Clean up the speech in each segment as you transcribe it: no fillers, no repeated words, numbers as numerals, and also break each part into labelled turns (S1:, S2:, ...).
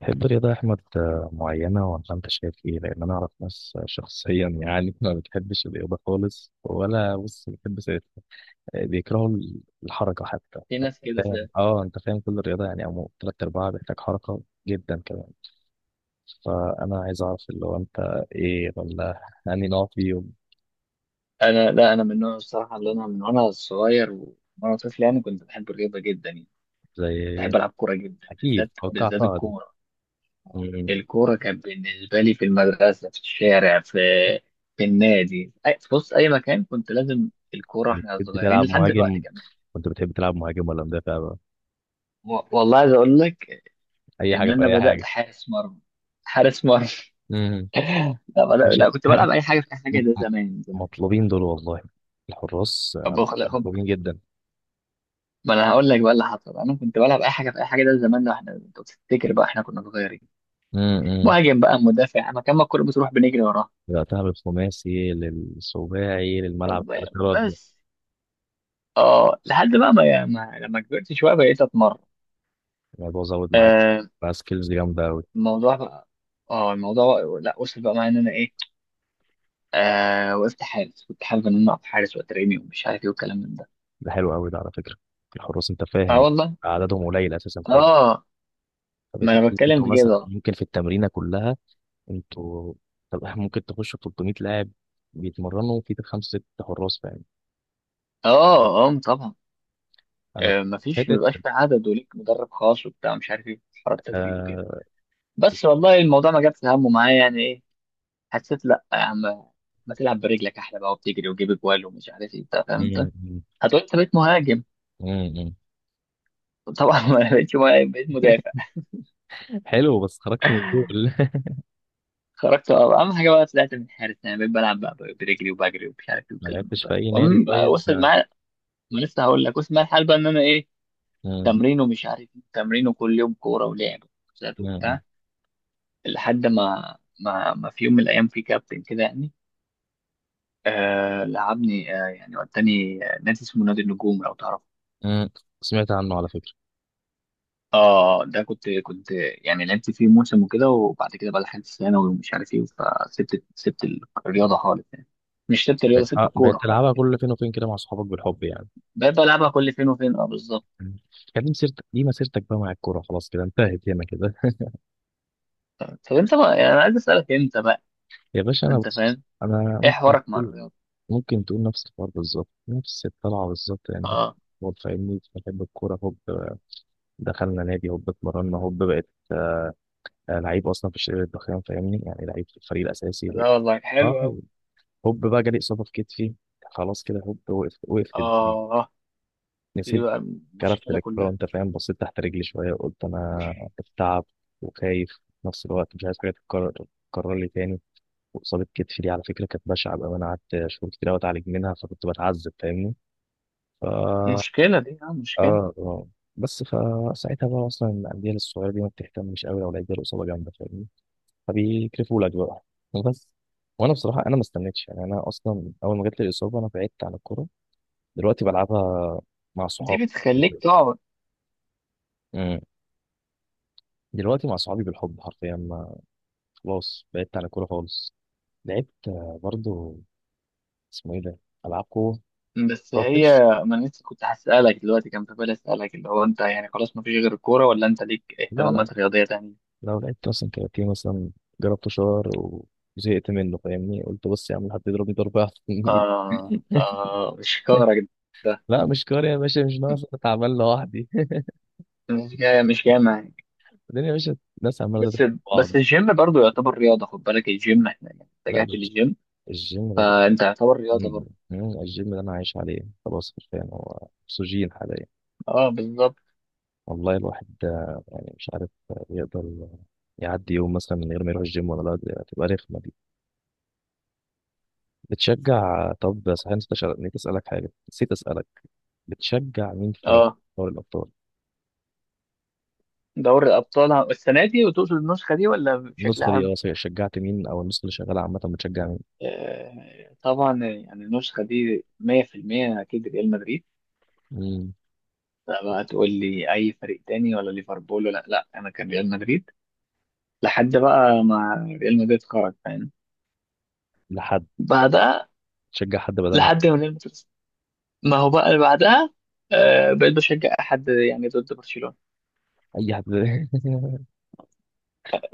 S1: تحب رياضة أحمد، معينة ولا أنت شايف إيه؟ لأن أنا أعرف ناس، شخصيا ما بتحبش الرياضة خالص. ولا بيكرهوا الحركة حتى.
S2: في ناس كده
S1: فاهم؟
S2: فعلا.
S1: أه، أنت فاهم كل الرياضة يعني أو تلات أرباعها بيحتاج حركة جدا كمان. فأنا عايز أعرف اللي هو أنت إيه ولا أنهي نوع فيهم؟
S2: انا لا انا من النوع الصراحه، اللي انا من وانا صغير وانا طفل، يعني كنت بحب الرياضه جدا يعني.
S1: زي إيه؟
S2: بحب العب كوره جدا،
S1: أكيد
S2: بالذات
S1: توقعتها دي.
S2: الكوره.
S1: م- م.
S2: الكوره كانت بالنسبه لي في المدرسه، في الشارع، في النادي. بص اي مكان كنت لازم الكوره، احنا
S1: بتحب
S2: صغيرين
S1: تلعب
S2: لحد دلوقتي
S1: مهاجم؟
S2: كمان.
S1: كنت بتحب تلعب مهاجم ولا مدافع بقى؟
S2: والله عايز اقول لك
S1: أي
S2: ان
S1: حاجة في
S2: انا
S1: أي
S2: بدات
S1: حاجة.
S2: حارس مرمى.
S1: مم. مش
S2: لا كنت بلعب اي حاجه في اي
S1: م-
S2: حاجه، ده
S1: م-
S2: زمان.
S1: مطلوبين دول والله. الحراس،
S2: طب
S1: على فكرة مطلوبين جدا.
S2: ما انا هقول لك بقى اللي حصل، انا كنت بلعب اي حاجه في اي حاجه، ده زمان، ده احنا انت تفتكر بقى احنا كنا صغيرين.
S1: امم
S2: مهاجم بقى، مدافع، مكان ما الكوره بتروح بنجري وراها.
S1: بدأتها بالخماسي للسباعي للملعب
S2: طب
S1: الثلاثي ده.
S2: بس اه لحد بقى ما لما كبرت شويه بقيت اتمرن.
S1: الموضوع زود معاك،
S2: آه
S1: بقى سكيلز جامدة أوي.
S2: الموضوع بقى، اه الموضوع لا وصل بقى معايا ان انا ايه، آه وقفت حارس، كنت حابب ان انا اقف حارس واترمي ومش عارف ايه والكلام من ده.
S1: ده حلو أوي ده على فكرة. الحراس أنت
S2: اه
S1: فاهم
S2: والله.
S1: عددهم قليل أساسا، فاهم؟
S2: اه ما انا
S1: فبتلاقي
S2: بتكلم
S1: أنتوا
S2: في
S1: مثلا
S2: كده.
S1: ممكن في التمرينة كلها، أنتوا، طب إحنا ممكن تخشوا 300 لاعب بيتمرنوا في خمسة ستة حراس، فاهم؟
S2: اه اه طبعا.
S1: أنا
S2: آه مفيش
S1: حتة
S2: مبيبقاش في عدد، وليك مدرب خاص وبتاع مش عارف ايه حوار التدريب وكده.
S1: آه...
S2: بس والله الموضوع ما جابش همه معايا يعني ايه، حسيت لا يا عم ما تلعب برجلك احلى بقى، وبتجري وتجيب اجوال ومش عارف ايه، انت فاهم.
S1: مم،
S2: انت
S1: مم،
S2: هتقول انت بقيت مهاجم.
S1: مم، مم.
S2: طبعا ما بقيتش مهاجم، بقيت مدافع.
S1: حلو، بس خرجت من الجول.
S2: خرجت بقى. اهم حاجه بقى طلعت من حارس، يعني بقيت بلعب بقى برجلي وبجري ومش عارف ايه
S1: ما
S2: والكلام
S1: لعبتش في
S2: ده.
S1: اي نادي
S2: المهم بقى
S1: طيب،
S2: وصل
S1: آه؟
S2: معايا. ما لسه هقول لك، وصل معايا الحال بقى ان انا ايه،
S1: مم.
S2: تمرين ومش عارف ايه، تمرين وكل يوم كوره ولعب وكوتشات
S1: مم.
S2: وبتاع. لحد ما ما في يوم من الايام في كابتن كده يعني، آه لعبني آه يعني وداني آه، نادي اسمه نادي النجوم لو تعرف.
S1: مم. سمعت عنه على فكره.
S2: اه ده كنت يعني لعبت فيه موسم وكده، وبعد كده بقى دخلت ثانوي ومش عارف ايه، فسبت الرياضه خالص يعني. مش سبت الرياضه، سبت
S1: بقيت
S2: الكوره خالص
S1: تلعبها
S2: يعني.
S1: كل فين وفين كده مع صحابك بالحب يعني.
S2: بقيت بلعبها كل فين وفين، اه بالظبط.
S1: مم. كان دي مسيرتك، دي مسيرتك بقى مع الكوره، خلاص كده انتهت هنا كده.
S2: طب انت بقى يعني انا عايز اسالك انت بقى،
S1: يا باشا انا،
S2: انت
S1: بص
S2: فاهم،
S1: انا
S2: ايه
S1: ممكن
S2: حوارك مع
S1: تقول،
S2: الرياضه.
S1: ممكن تقول نفس الحوار بالظبط، نفس الطلعه بالظبط يعني.
S2: اه
S1: هو فاهمني، بحب الكوره، هوب دخلنا نادي، هوب اتمرنا، هوب بقيت، لعيب اصلا في الشرير الضخام فاهمني، يعني لعيب في الفريق
S2: لا
S1: الاساسي.
S2: والله حلو
S1: اه،
S2: قوي.
S1: هوب بقى جالي اصابه في كتفي، خلاص كده هوب وقفت، وقفت.
S2: اه دي
S1: نسيت،
S2: بقى
S1: كرفت
S2: المشكله
S1: الكورة
S2: كلها.
S1: وأنت فاهم، بصيت تحت رجلي شوية، قلت أنا بتعب وخايف في نفس الوقت، مش عايز حاجة تتكرر، تتكرر لي تاني. وإصابة كتفي دي على فكرة كانت بشعة بقى، أنا قعدت شهور كتير أوي أتعالج منها، فكنت بتعذب فاهمني. ف
S2: المشكله دي اه مشكله،
S1: آه. بس فساعتها بقى أصلا الأندية الصغيرة دي ما بتهتمش أوي لو لقيت جاله إصابة جامدة فاهمني، فبيكرفوا لك بقى، وبس. وأنا بصراحة أنا ما استنيتش يعني، أنا أصلا أول ما جات لي الإصابة أنا بعدت عن الكورة. دلوقتي بلعبها مع
S2: دي
S1: صحابي،
S2: بتخليك تقعد.
S1: دلوقتي مع صحابي بالحب حرفيا. ما خلاص، بعدت عن الكورة خالص. لعبت، برضو، اسمه ايه ده، ألعاب قوة،
S2: بس هي،
S1: روكش.
S2: ما أنا لسه كنت هسألك دلوقتي، كان في بالي أسألك اللي هو أنت يعني خلاص ما فيش غير الكورة، ولا أنت ليك
S1: لا لا،
S2: اهتمامات رياضية تانية؟
S1: لو لعبت مثلا كاراتيه مثلا، جربته شهر وزهقت منه فاهمني. قلت بص يا عم، حد يضربني ضربة أحسن.
S2: آه آه شكارك ده،
S1: لا مش كاري يا باشا، مش ناقص أنا تعبان لوحدي.
S2: مش جاي معاك.
S1: الدنيا يا باشا، الناس عمالة تضرب
S2: بس
S1: في بعض.
S2: بس الجيم برضو يعتبر رياضة، خد بالك الجيم، احنا يعني
S1: لا
S2: اتجهت
S1: الج-
S2: للجيم،
S1: الجيم ده بس-
S2: فأنت يعتبر
S1: م-
S2: رياضة برضو.
S1: الجيم ده أنا عايش عليه خلاص، حرفيا هو أكسجين.
S2: اه بالظبط.
S1: والله الواحد، يعني مش عارف، يقدر يعدي يوم مثلا من غير ما يروح الجيم ولا لا، دي هتبقى رخمة دي. بتشجع، طب صحيح نسيت نسيت أسألك حاجة، نسيت أسألك بتشجع مين في
S2: اه
S1: دوري الأبطال؟
S2: دوري الأبطال السنة دي، وتقصد النسخة دي ولا بشكل
S1: النسخة دي
S2: عام؟
S1: اه صحيح، شجعت مين؟ أو النسخة اللي شغالة عامة بتشجع مين؟
S2: آه طبعا يعني النسخة دي 100% أكيد ريال مدريد.
S1: مم.
S2: لا بقى تقول لي اي فريق تاني، ولا ليفربول ولا لا، انا كان ريال مدريد لحد بقى ما ريال مدريد خرج فاهم،
S1: لحد يعني،
S2: بعدها
S1: تشجع حد بدلها.
S2: لحد ما ريال مدريد، ما هو بقى اللي بعدها آه بقيت بشجع احد يعني ضد برشلونة،
S1: أي حد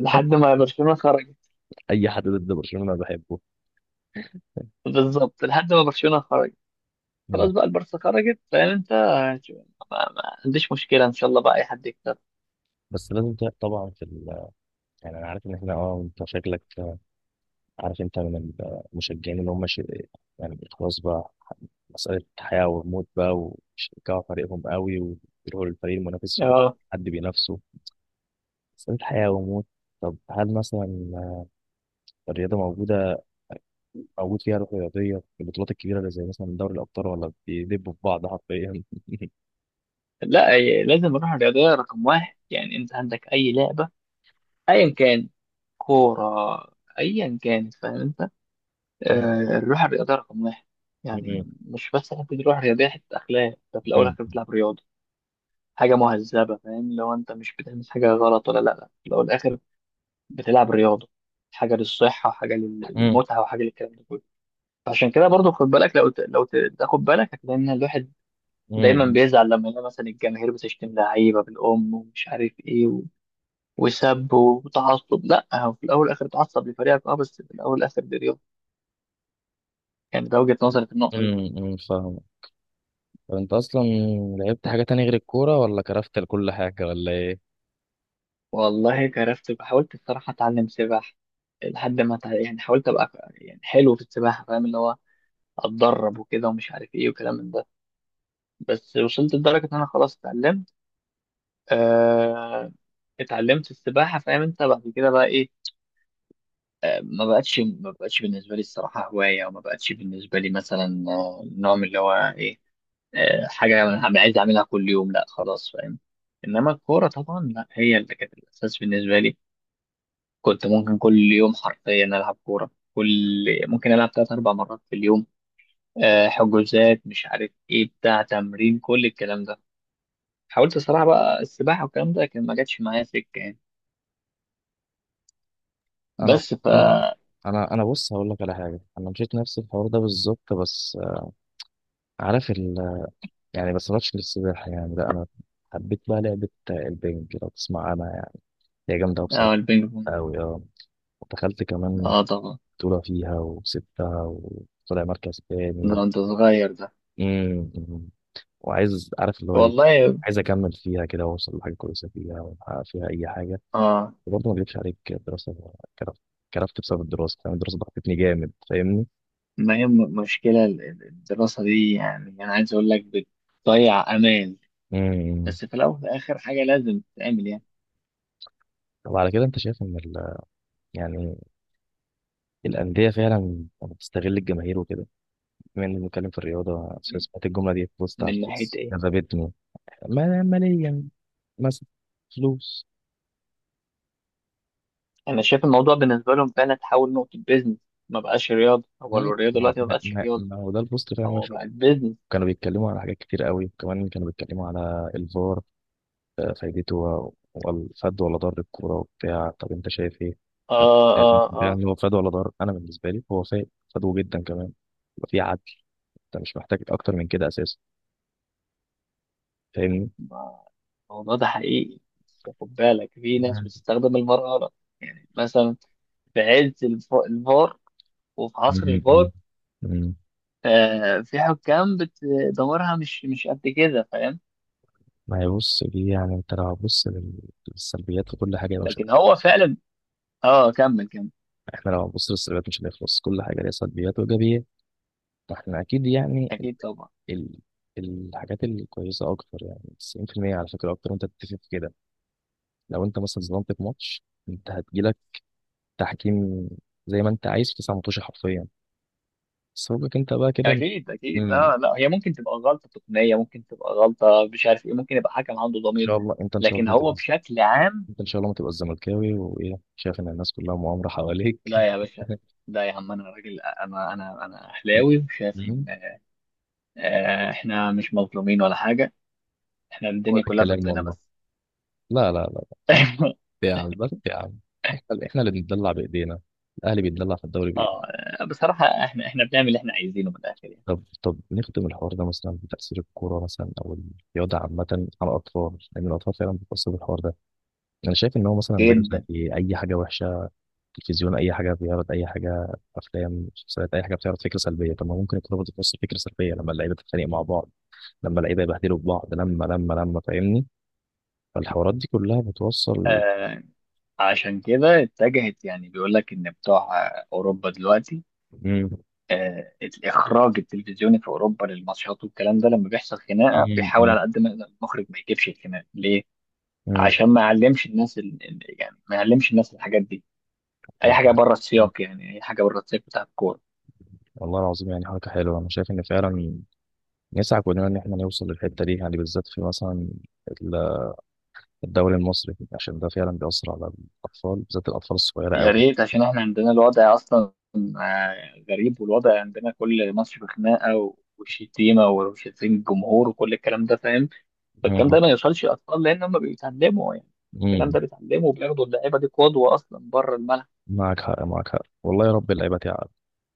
S2: لحد ما برشلونة خرجت.
S1: أي حد ضد برشلونة أنا بحبه.
S2: بالظبط لحد ما برشلونة خرجت،
S1: نعم.
S2: خلاص بقى البارسا خرجت فاهم انت، ما عنديش مشكلة، ان شاء الله بقى اي حد يكسب.
S1: بس لازم ت- طبعا في ال... يعني أنا عارف إن إحنا اه أنت شكلك، عارف أنت من المشجعين اللي هم ش... يعني خلاص بقى مسألة حياة وموت بقى، وشجعوا فريقهم قوي ويروحوا للفريق المنافس عشان
S2: اه
S1: حد بينافسه، مسألة حياة وموت. طب هل مثلا الرياضة موجودة، موجود فيها روح رياضية في البطولات الكبيرة اللي زي مثلا دوري الأبطال، ولا بيدبوا في بعض حرفيا؟
S2: لا لازم نروح الرياضية رقم واحد، يعني انت عندك اي لعبة ايا كان، كورة ايا كانت فاهم انت، آه، الروح الرياضية رقم واحد. يعني مش بس حتة الروح الرياضية، حتة أخلاق. أنت في الأول والآخر بتلعب رياضة، حاجة مهذبة فاهم، لو أنت مش بتعمل حاجة غلط ولا لأ، في الأول والآخر بتلعب رياضة، حاجة للصحة وحاجة للمتعة، وحاجة للكلام ده كله. عشان كده برضو خد بالك، لو تاخد بالك هتلاقي إن الواحد دايما بيزعل لما يلاقي مثلا الجماهير بتشتم لعيبة بالأم ومش عارف إيه و... وسب وتعصب، لأ هو في الأول والآخر تعصب لفريقك أه، بس في الأول والآخر دي رياضة يعني. ده وجهة نظري في النقطة دي.
S1: فاهم. طب أنت أصلا لعبت حاجة تانية غير الكورة ولا كرفت لكل حاجة ولا إيه؟
S2: والله جربت، حاولت الصراحة أتعلم سباحة لحد ما يعني حاولت أبقى يعني حلو في السباحة فاهم، اللي هو أتدرب وكده ومش عارف إيه وكلام من ده، بس وصلت لدرجة إن أنا خلاص اتعلمت، آه... اتعلمت السباحة فاهم أنت. بعد كده بقى إيه، آه... ما بقتش بالنسبة لي الصراحة هواية، وما بقتش بالنسبة لي مثلا آه، نوع من اللي هو إيه، آه... حاجة أنا عايز أعملها كل يوم، لا خلاص فاهم. إنما الكورة طبعا لا هي اللي كانت الأساس بالنسبة لي. كنت ممكن كل يوم حرفيا ألعب كورة كل، ممكن ألعب تلات أربع مرات في اليوم، آه، حجوزات مش عارف إيه بتاع تمرين كل الكلام ده. حاولت الصراحة بقى السباحة والكلام ده، لكن ما جاتش معايا سكة يعني.
S1: أنا
S2: بس ف
S1: أنا أنا بص هقول لك على حاجة، أنا مشيت نفس الحوار ده بالظبط، بس عارف، يعني بس ماتش للسباحة يعني. لا أنا حبيت بقى لعبة البنج لو تسمع عنها يعني، هي جامدة أوي بصراحة.
S2: اه البينج بونج.
S1: أوي أه، ودخلت كمان
S2: اه طبعا.
S1: بطولة فيها وكسبتها وطلع مركز تاني
S2: ده
S1: و...
S2: انت صغير ده.
S1: مم، مم. وعايز عارف اللي هو إيه،
S2: والله
S1: عايز أكمل فيها كده وأوصل لحاجة كويسة فيها وأحقق فيها أي حاجة.
S2: اه.
S1: وبرضه ما أكدبش عليك، الدراسة كرفت، كرفت بسبب الدراسة فاهم. الدراسة ضغطتني جامد فاهمني.
S2: ما هي مشكلة الدراسة دي، يعني أنا عايز أقول لك بتضيع أمان،
S1: مم.
S2: بس في الأول وفي الآخر حاجة لازم تتعمل يعني.
S1: طب على كده أنت شايف إن ال... يعني الأندية فعلا بتستغل الجماهير وكده، بما اني بنتكلم في الرياضه سمعت الجمله دي في بوست على
S2: من ناحية
S1: الفيس
S2: إيه؟
S1: جذبتني. ماليا مثلا، فلوس.
S2: انا شايف الموضوع بالنسبه لهم فعلا تحول نقطه بيزنس. ما بقاش رياضه، هو
S1: هم؟
S2: الرياضه
S1: ما
S2: دلوقتي ما
S1: ما-
S2: بقتش
S1: ما-
S2: رياضه،
S1: ما هو ده البوست فعلا انا
S2: هو بقت
S1: شفته.
S2: بيزنس.
S1: كانوا بيتكلموا على حاجات كتير قوي، وكمان كانوا بيتكلموا على الفار، فايدته والفاد ولا ضر الكوره وبتاع، طب انت شايف ايه؟
S2: اه
S1: هت-
S2: اه اه.
S1: يعني هو فاد ولا ضر؟ انا بالنسبه لي هو فاد، فادو جدا كمان. يبقى في عدل، انت مش محتاج اكتر من كده اساسا فاهمني؟
S2: ما- الموضوع ده حقيقي، بس خد بالك في ناس
S1: مم.
S2: بتستخدم المرأة غلط. يعني مثلا في عز الفار وفي عصر الفار،
S1: مم. مم.
S2: آه في حكام دمارها مش مش قد كده فاهم.
S1: ما هي بص دي يعني انت لو هتبص للسلبيات وكل حاجه، مش
S2: لكن هو فعلا اه، كمل كمل.
S1: احنا لو هنبص للسلبيات مش هنخلص، كل حاجه ليها سلبيات وايجابيات. فاحنا اكيد يعني ال...
S2: اكيد طبعا.
S1: ال- الحاجات الكويسه اكتر، يعني 90% على فكره اكتر، وانت تتفق في كده. لو انت مثلا ظلمت في ماتش، انت هتجيلك تحكيم زي ما انت عايز في تسع ماتش حرفيا، بس فوقك انت بقى كده.
S2: اكيد اكيد
S1: امم، ان
S2: اه، لا هي ممكن تبقى غلطه تقنيه، ممكن تبقى غلطه مش عارف ايه، ممكن يبقى حكم عنده ضمير،
S1: شاء الله انت، ان شاء الله
S2: لكن
S1: ما
S2: هو
S1: تبقاش،
S2: بشكل عام.
S1: انت ان شاء الله ما تبقى الزملكاوي وايه شايف ان الناس كلها مؤامره حواليك.
S2: لا يا باشا، لا يا عم، انا راجل، انا اهلاوي، وشايف ان
S1: مم.
S2: آه، احنا مش مظلومين ولا حاجه، احنا
S1: هو
S2: الدنيا
S1: ده
S2: كلها
S1: الكلام
S2: ضدنا
S1: والله.
S2: بس.
S1: لا لا لا. لا. يا عم بس يا عم، احنا احنا اللي بنتدلع بايدينا، الاهلي بيتدلع في الدوري بايده.
S2: اه بصراحه احنا بنعمل اللي احنا عايزينه من الاخر يعني.
S1: طب طب نختم الحوار ده مثلا بتاثير الكوره مثلا او الرياضه عامه على الاطفال، لان الاطفال فعلا بتاثر بالحوار ده. انا شايف ان هو مثلا زي،
S2: جدا
S1: زي اي حاجه وحشه، تلفزيون اي حاجه بيعرض، اي حاجه افلام مسلسلات اي حاجه بتعرض فكره سلبيه، طب ما ممكن الكوره برضه توصل فكره سلبيه لما اللعيبه تتخانق مع بعض، لما اللعيبه يبهدلوا في بعض، لما فاهمني، فالحوارات دي كلها بتوصل.
S2: آه. عشان كده اتجهت، يعني بيقول لك ان بتوع آه، اوروبا دلوقتي،
S1: امم،
S2: آه، الاخراج التلفزيوني في اوروبا للماتشات والكلام ده، لما بيحصل خناقه بيحاول على قد ما يقدر المخرج ما يجيبش الخناقه. ليه؟ عشان ما يعلمش الناس يعني ما يعلمش الناس الحاجات دي، اي حاجه
S1: امم.
S2: بره السياق، يعني اي حاجه بره السياق بتاع الكوره.
S1: والله العظيم يعني حركة حلوة، أنا شايف إن فعلا نسعى كلنا إن إحنا نوصل للحتة دي، يعني بالذات في مثلا ال- الدوري المصري، عشان ده فعلا بيأثر على الأطفال، بالذات الأطفال الصغيرة
S2: يا
S1: أوي.
S2: ريت، عشان احنا عندنا الوضع اصلا آه، غريب، والوضع عندنا كل ماتش بخناقه و... وشتيمه وشتيم الجمهور وكل الكلام ده فاهم. فالكلام
S1: مم.
S2: ده ما يوصلش للاطفال، لان هم بيتعلموا يعني، الكلام
S1: مم.
S2: ده بيتعلموا، وبياخدوا اللعيبه دي قدوه اصلا بره الملعب.
S1: معك حق، معك حق والله، يا رب اللعيبة تعب.